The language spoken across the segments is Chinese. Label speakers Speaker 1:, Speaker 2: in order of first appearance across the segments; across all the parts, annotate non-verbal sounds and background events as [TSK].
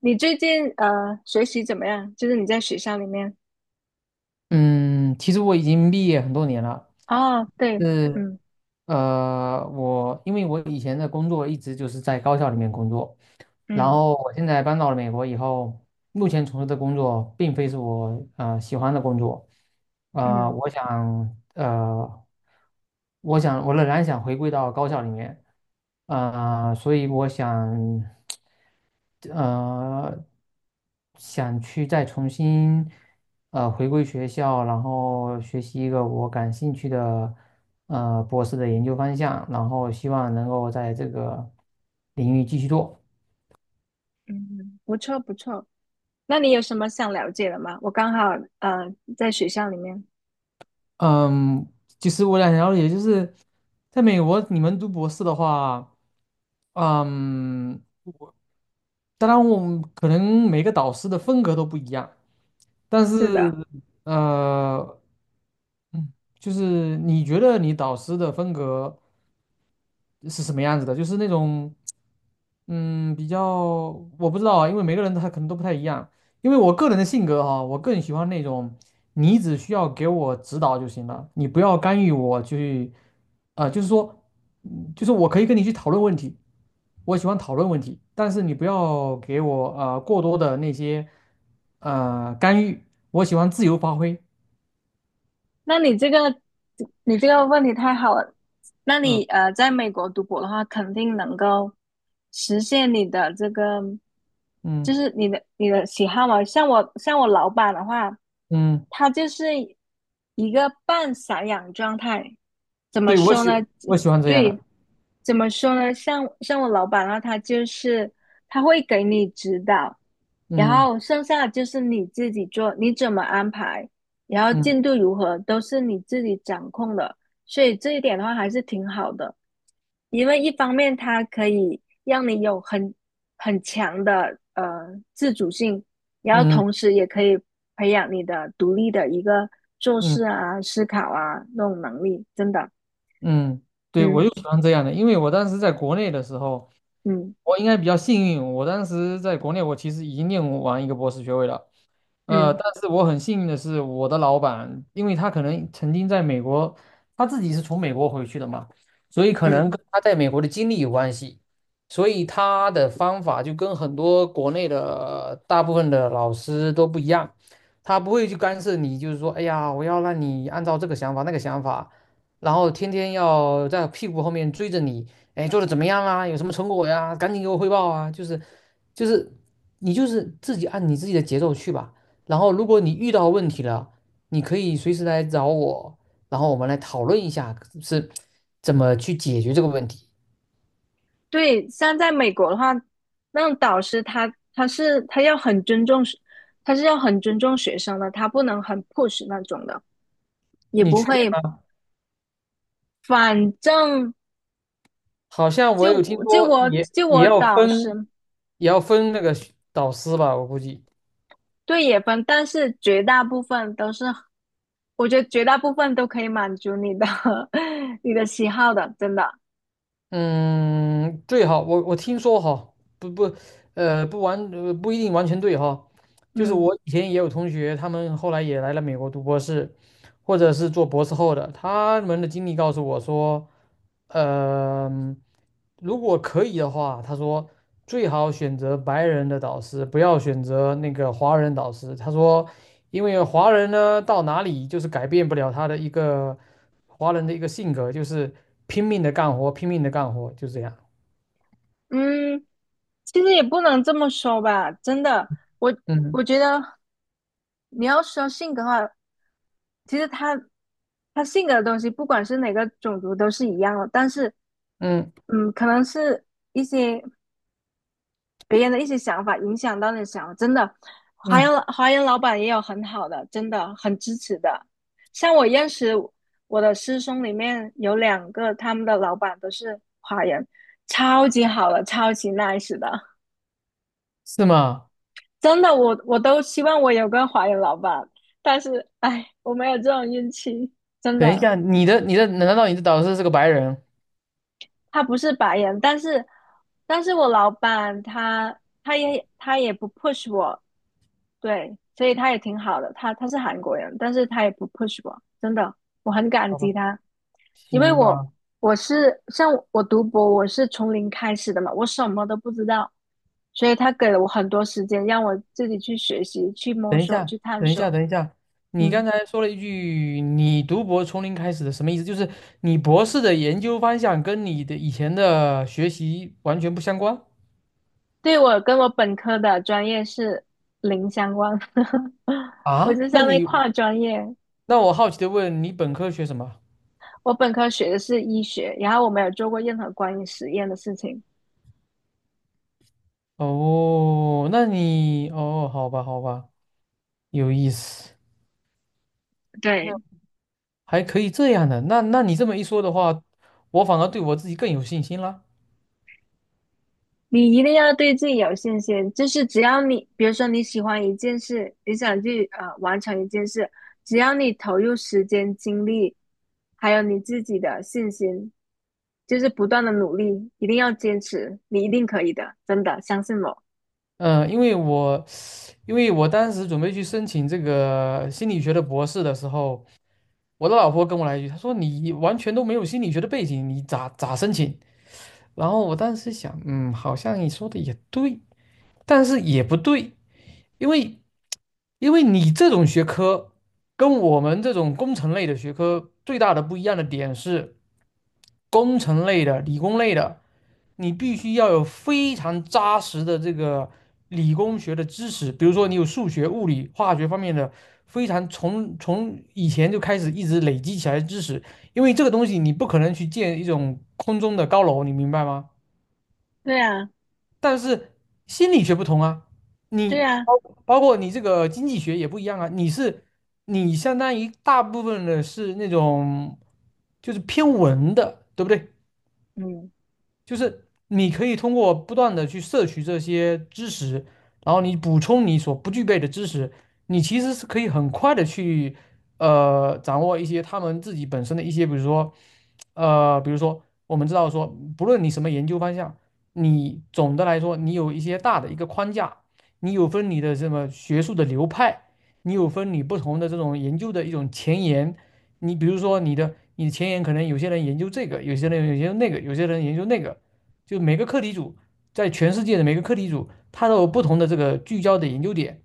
Speaker 1: 你最近学习怎么样？就是你在学校里面。
Speaker 2: 嗯，其实我已经毕业很多年了。
Speaker 1: 哦，对。
Speaker 2: 是。
Speaker 1: 嗯
Speaker 2: 因为我以前的工作一直就是在高校里面工作，然
Speaker 1: 嗯
Speaker 2: 后我现在搬到了美国以后，目前从事的工作并非是我喜欢的工作，呃，
Speaker 1: 嗯
Speaker 2: 我想呃，我想我仍然想回归到高校里面，所以我想。呃，想去再重新回归学校，然后学习一个我感兴趣的博士的研究方向，然后希望能够在这个领域继续做。
Speaker 1: 嗯，不错不错。那你有什么想了解的吗？我刚好呃在学校里面。
Speaker 2: 嗯，其实我想了解，就是在美国你们读博士的话，嗯，当然我们可能每个导师的风格都不一样。但
Speaker 1: 是
Speaker 2: 是
Speaker 1: 的。
Speaker 2: 呃，嗯，就是你觉得你导师的风格是什么样子的？就是那种，比较我不知道啊，因为每个人他可能都不太一样。因为我个人的性格哈，我更喜欢那种你只需要给我指导就行了，你不要干预我去，啊、就是说，就是我可以跟你去讨论问题，我喜欢讨论问题，但是你不要给我过多的那些干预，我喜欢自由发挥。
Speaker 1: 那你这个问题太好了。那你
Speaker 2: 嗯
Speaker 1: 在美国读博的话，肯定能够实现你的这个，就
Speaker 2: 嗯
Speaker 1: 是你的喜好嘛。像我老板的话，
Speaker 2: 嗯，
Speaker 1: 他就是一个半散养状态。怎么
Speaker 2: 对，我
Speaker 1: 说呢？
Speaker 2: 喜我喜欢这样的。
Speaker 1: 对。怎么说呢？像我老板的话，他就是他会给你指导，然
Speaker 2: 嗯
Speaker 1: 后剩下的就是你自己做，你怎么安排，然后进
Speaker 2: 嗯
Speaker 1: 度如何都是你自己掌控的，所以这一点的话还是挺好的。因为一方面它可以让你有很强的自主性，然后
Speaker 2: 嗯
Speaker 1: 同时也可以培养你的独立的一个做
Speaker 2: 嗯
Speaker 1: 事啊、思考啊那种能力，真的。
Speaker 2: 嗯，对，我
Speaker 1: 嗯
Speaker 2: 就喜欢这样的，因为我当时在国内的时候，
Speaker 1: 嗯
Speaker 2: 我应该比较幸运，我当时在国内我其实已经念完一个博士学位了，
Speaker 1: 嗯
Speaker 2: 但是我很幸运的是，我的老板，因为他可能曾经在美国，他自己是从美国回去的嘛，所以可能
Speaker 1: 嗯。
Speaker 2: 跟他在美国的经历有关系，所以他的方法就跟很多国内的大部分的老师都不一样，他不会去干涉你，就是说，哎呀，我要让你按照这个想法那个想法，然后天天要在屁股后面追着你，哎，做的怎么样啊？有什么成果呀？赶紧给我汇报啊！就是，你就是自己按你自己的节奏去吧。然后如果你遇到问题了，你可以随时来找我，然后我们来讨论一下是怎么去解决这个问题。
Speaker 1: 对，像在美国的话，那种导师他他是他要很尊重学，他是要很尊重学生的，他不能很 push 那种的，也
Speaker 2: 你
Speaker 1: 不
Speaker 2: 确定
Speaker 1: 会。
Speaker 2: 吗？
Speaker 1: 反正
Speaker 2: 好像我
Speaker 1: 就
Speaker 2: 有听
Speaker 1: 我就
Speaker 2: 说
Speaker 1: 我
Speaker 2: 也
Speaker 1: 就
Speaker 2: 也
Speaker 1: 我
Speaker 2: 要
Speaker 1: 导
Speaker 2: 分，
Speaker 1: 师。
Speaker 2: 也要分那个导师吧，我估计。
Speaker 1: 对，也分，但是绝大部分都是，我觉得绝大部分都可以满足你的 [LAUGHS] 你的喜好的，真的。
Speaker 2: 嗯，最好我听说哈，不不，呃，不完，呃不一定完全对哈。就是
Speaker 1: 嗯
Speaker 2: 我以前也有同学，他们后来也来了美国读博士，或者是做博士后的，他们的经历告诉我说。嗯，如果可以的话，他说最好选择白人的导师，不要选择那个华人导师。他说，因为华人呢到哪里就是改变不了他的一个华人的一个性格，就是拼命的干活，拼命的干活，就这样。
Speaker 1: 嗯，其实也不能这么说吧，真的。我
Speaker 2: 嗯
Speaker 1: 我觉得你要说性格的话，其实他性格的东西，不管是哪个种族都是一样的。但是，
Speaker 2: 嗯
Speaker 1: 可能是一些。别人的一些想法影响到你的想法，真的。华
Speaker 2: 嗯，
Speaker 1: 人华人老板也有很好的，真的很支持的。像我认识我的师兄里面有2个，他们的老板都是华人，超级好的，超级 nice 的，
Speaker 2: 是吗？
Speaker 1: 真的。我都希望我有个华人老板，但是哎，我没有这种运气，真
Speaker 2: 等一
Speaker 1: 的。
Speaker 2: 下，你的你的难道你的导师是个白人？
Speaker 1: 他不是白人，但是我老板他也不 push 我。对，所以他也挺好的。他是韩国人，但是他也不 push 我，真的，我很感
Speaker 2: 好吧，
Speaker 1: 激他。因为
Speaker 2: 行
Speaker 1: 我
Speaker 2: 吧。
Speaker 1: 我是像我读博，我是从零开始的嘛，我什么都不知道，所以他给了我很多时间，让我自己去学习、去摸
Speaker 2: 等一
Speaker 1: 索、
Speaker 2: 下，
Speaker 1: 去探
Speaker 2: 等一下，
Speaker 1: 索。
Speaker 2: 等一下，你刚
Speaker 1: 嗯。
Speaker 2: 才说了一句“你读博从零开始”的，什么意思？就是你博士的研究方向跟你的以前的学习完全不相关
Speaker 1: 对，我跟我本科的专业是零相关，[LAUGHS] 我
Speaker 2: 啊？
Speaker 1: 就相当于跨专业。
Speaker 2: 那我好奇的问，你本科学什么？
Speaker 1: 我本科学的是医学，然后我没有做过任何关于实验的事情。
Speaker 2: 哦，哦，好吧，好吧，有意思，嗯
Speaker 1: 对，
Speaker 2: 还可以这样的。那你这么一说的话，我反而对我自己更有信心了。
Speaker 1: 你一定要对自己有信心，就是只要你，比如说你喜欢一件事，你想去完成一件事，只要你投入时间、精力，还有你自己的信心，就是不断的努力，一定要坚持，你一定可以的，真的，相信我。
Speaker 2: 嗯，因为我当时准备去申请这个心理学的博士的时候。我的老婆跟我来一句，她说你完全都没有心理学的背景，你咋申请？然后我当时想，好像你说的也对，但是也不对，因为因为你这种学科跟我们这种工程类的学科最大的不一样的点是，工程类的、理工类的。你必须要有非常扎实的这个理工学的知识，比如说你有数学、物理、化学方面的非常从以前就开始一直累积起来的知识，因为这个东西你不可能去建一种空中的高楼，你明白吗？
Speaker 1: 对啊，
Speaker 2: 但是心理学不同啊，
Speaker 1: 对
Speaker 2: 你
Speaker 1: 啊。
Speaker 2: 包括你这个经济学也不一样啊，你相当于大部分的是那种就是偏文的，对不对？
Speaker 1: 嗯。
Speaker 2: 就是你可以通过不断的去摄取这些知识，然后你补充你所不具备的知识，你其实是可以很快的去掌握一些他们自己本身的一些，比如说我们知道说，不论你什么研究方向，你总的来说你有一些大的一个框架，你有分你的什么学术的流派，你有分你不同的这种研究的一种前沿。你比如说你的前沿可能有些人研究这个，有些人研究那个，有些人研究那个，就每个课题组在全世界的每个课题组，它都有不同的这个聚焦的研究点。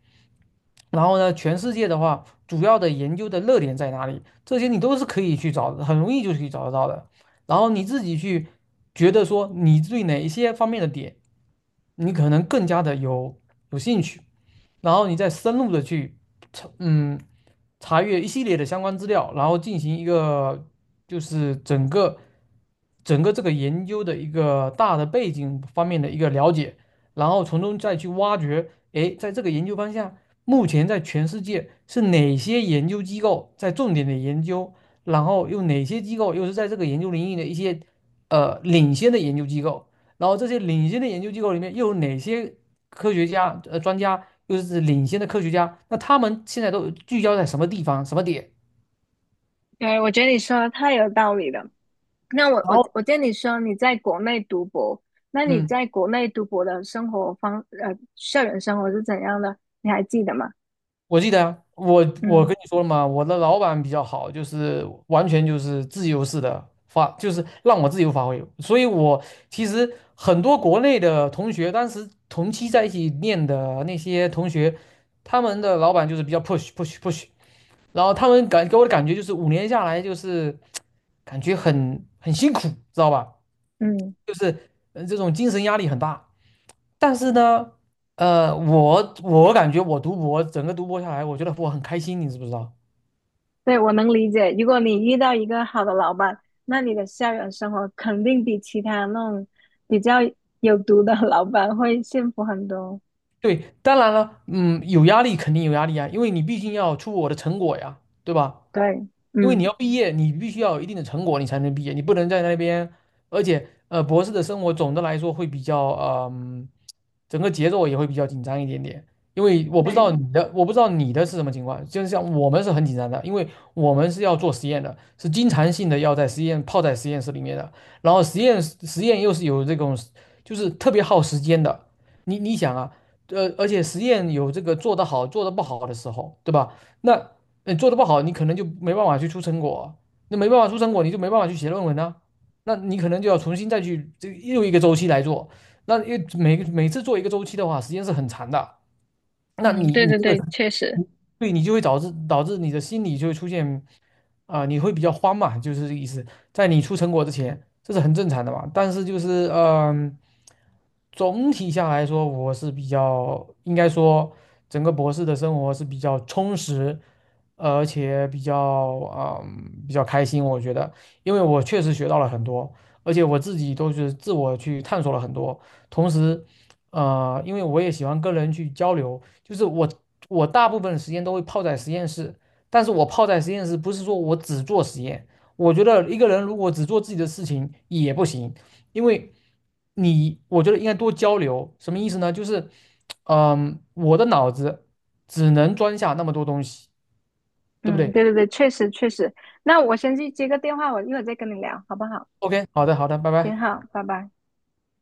Speaker 2: 然后呢，全世界的话，主要的研究的热点在哪里？这些你都是可以去找的，很容易就可以找得到的。然后你自己去觉得说，你对哪一些方面的点，你可能更加的有兴趣，然后你再深入的去，嗯，查阅一系列的相关资料，然后进行一个就是整个这个研究的一个大的背景方面的一个了解，然后从中再去挖掘，诶，在这个研究方向，目前在全世界是哪些研究机构在重点的研究，然后又哪些机构又是在这个研究领域的一些领先的研究机构，然后这些领先的研究机构里面又有哪些科学家专家，又是领先的科学家，那他们现在都聚焦在什么地方、什么点？
Speaker 1: 对，我觉得你说的太有道理了。那我
Speaker 2: 然
Speaker 1: 我
Speaker 2: 后
Speaker 1: 我见你说你在国内读博，那你
Speaker 2: 嗯，
Speaker 1: 在国内读博的生活方呃校园生活是怎样的？你还记得吗？
Speaker 2: 我记得啊我跟
Speaker 1: 嗯
Speaker 2: 你说了嘛，我的老板比较好，就是完全就是自由式的发，就是让我自由发挥。所以我其实很多国内的同学，当时同期在一起念的那些同学，他们的老板就是比较 push push push，然后他们给我的感觉就是5年下来就是 [TSK] 感觉很辛苦，知道吧？
Speaker 1: 嗯。
Speaker 2: 就是这种精神压力很大。但是呢，我感觉我读博整个读博下来，我觉得我很开心，你知不知道？
Speaker 1: 对，我能理解。如果你遇到一个好的老板，那你的校园生活肯定比其他那种比较有毒的老板会幸福很多。
Speaker 2: 对，当然了，有压力肯定有压力啊，因为你毕竟要出我的成果呀，对吧？
Speaker 1: 对。
Speaker 2: 因为你
Speaker 1: 嗯。
Speaker 2: 要毕业，你必须要有一定的成果，你才能毕业，你不能在那边。而且，博士的生活总的来说会比较，嗯、整个节奏也会比较紧张一点点。因为
Speaker 1: 对。
Speaker 2: 我不知道你的是什么情况，就像我们是很紧张的，因为我们是要做实验的，是经常性的要在实验泡在实验室里面的，然后实验又是有这种，就是特别耗时间的。你想啊，而且实验有这个做得好做得不好的时候，对吧？那。你做的不好，你可能就没办法去出成果，那没办法出成果，你就没办法去写论文啊，那你可能就要重新再去这又一个周期来做，那因为每次做一个周期的话，时间是很长的。那
Speaker 1: 嗯。
Speaker 2: 你
Speaker 1: 对
Speaker 2: 你
Speaker 1: 对
Speaker 2: 这个，
Speaker 1: 对，确实。
Speaker 2: 你对你就会导致你的心理就会出现啊、你会比较慌嘛，就是这个意思。在你出成果之前，这是很正常的嘛。但是就是总体下来说，我是比较应该说整个博士的生活是比较充实。而且比较开心，我觉得，因为我确实学到了很多，而且我自己都是自我去探索了很多。同时，因为我也喜欢跟人去交流，就是我大部分时间都会泡在实验室，但是我泡在实验室不是说我只做实验，我觉得一个人如果只做自己的事情也不行，因为我觉得应该多交流，什么意思呢？就是我的脑子只能装下那么多东西。对不
Speaker 1: 嗯。
Speaker 2: 对
Speaker 1: 对对对，确实确实。那我先去接个电话，我一会儿再跟你聊，好不好？
Speaker 2: ？OK，好的，好的，拜拜。
Speaker 1: 挺好，拜拜。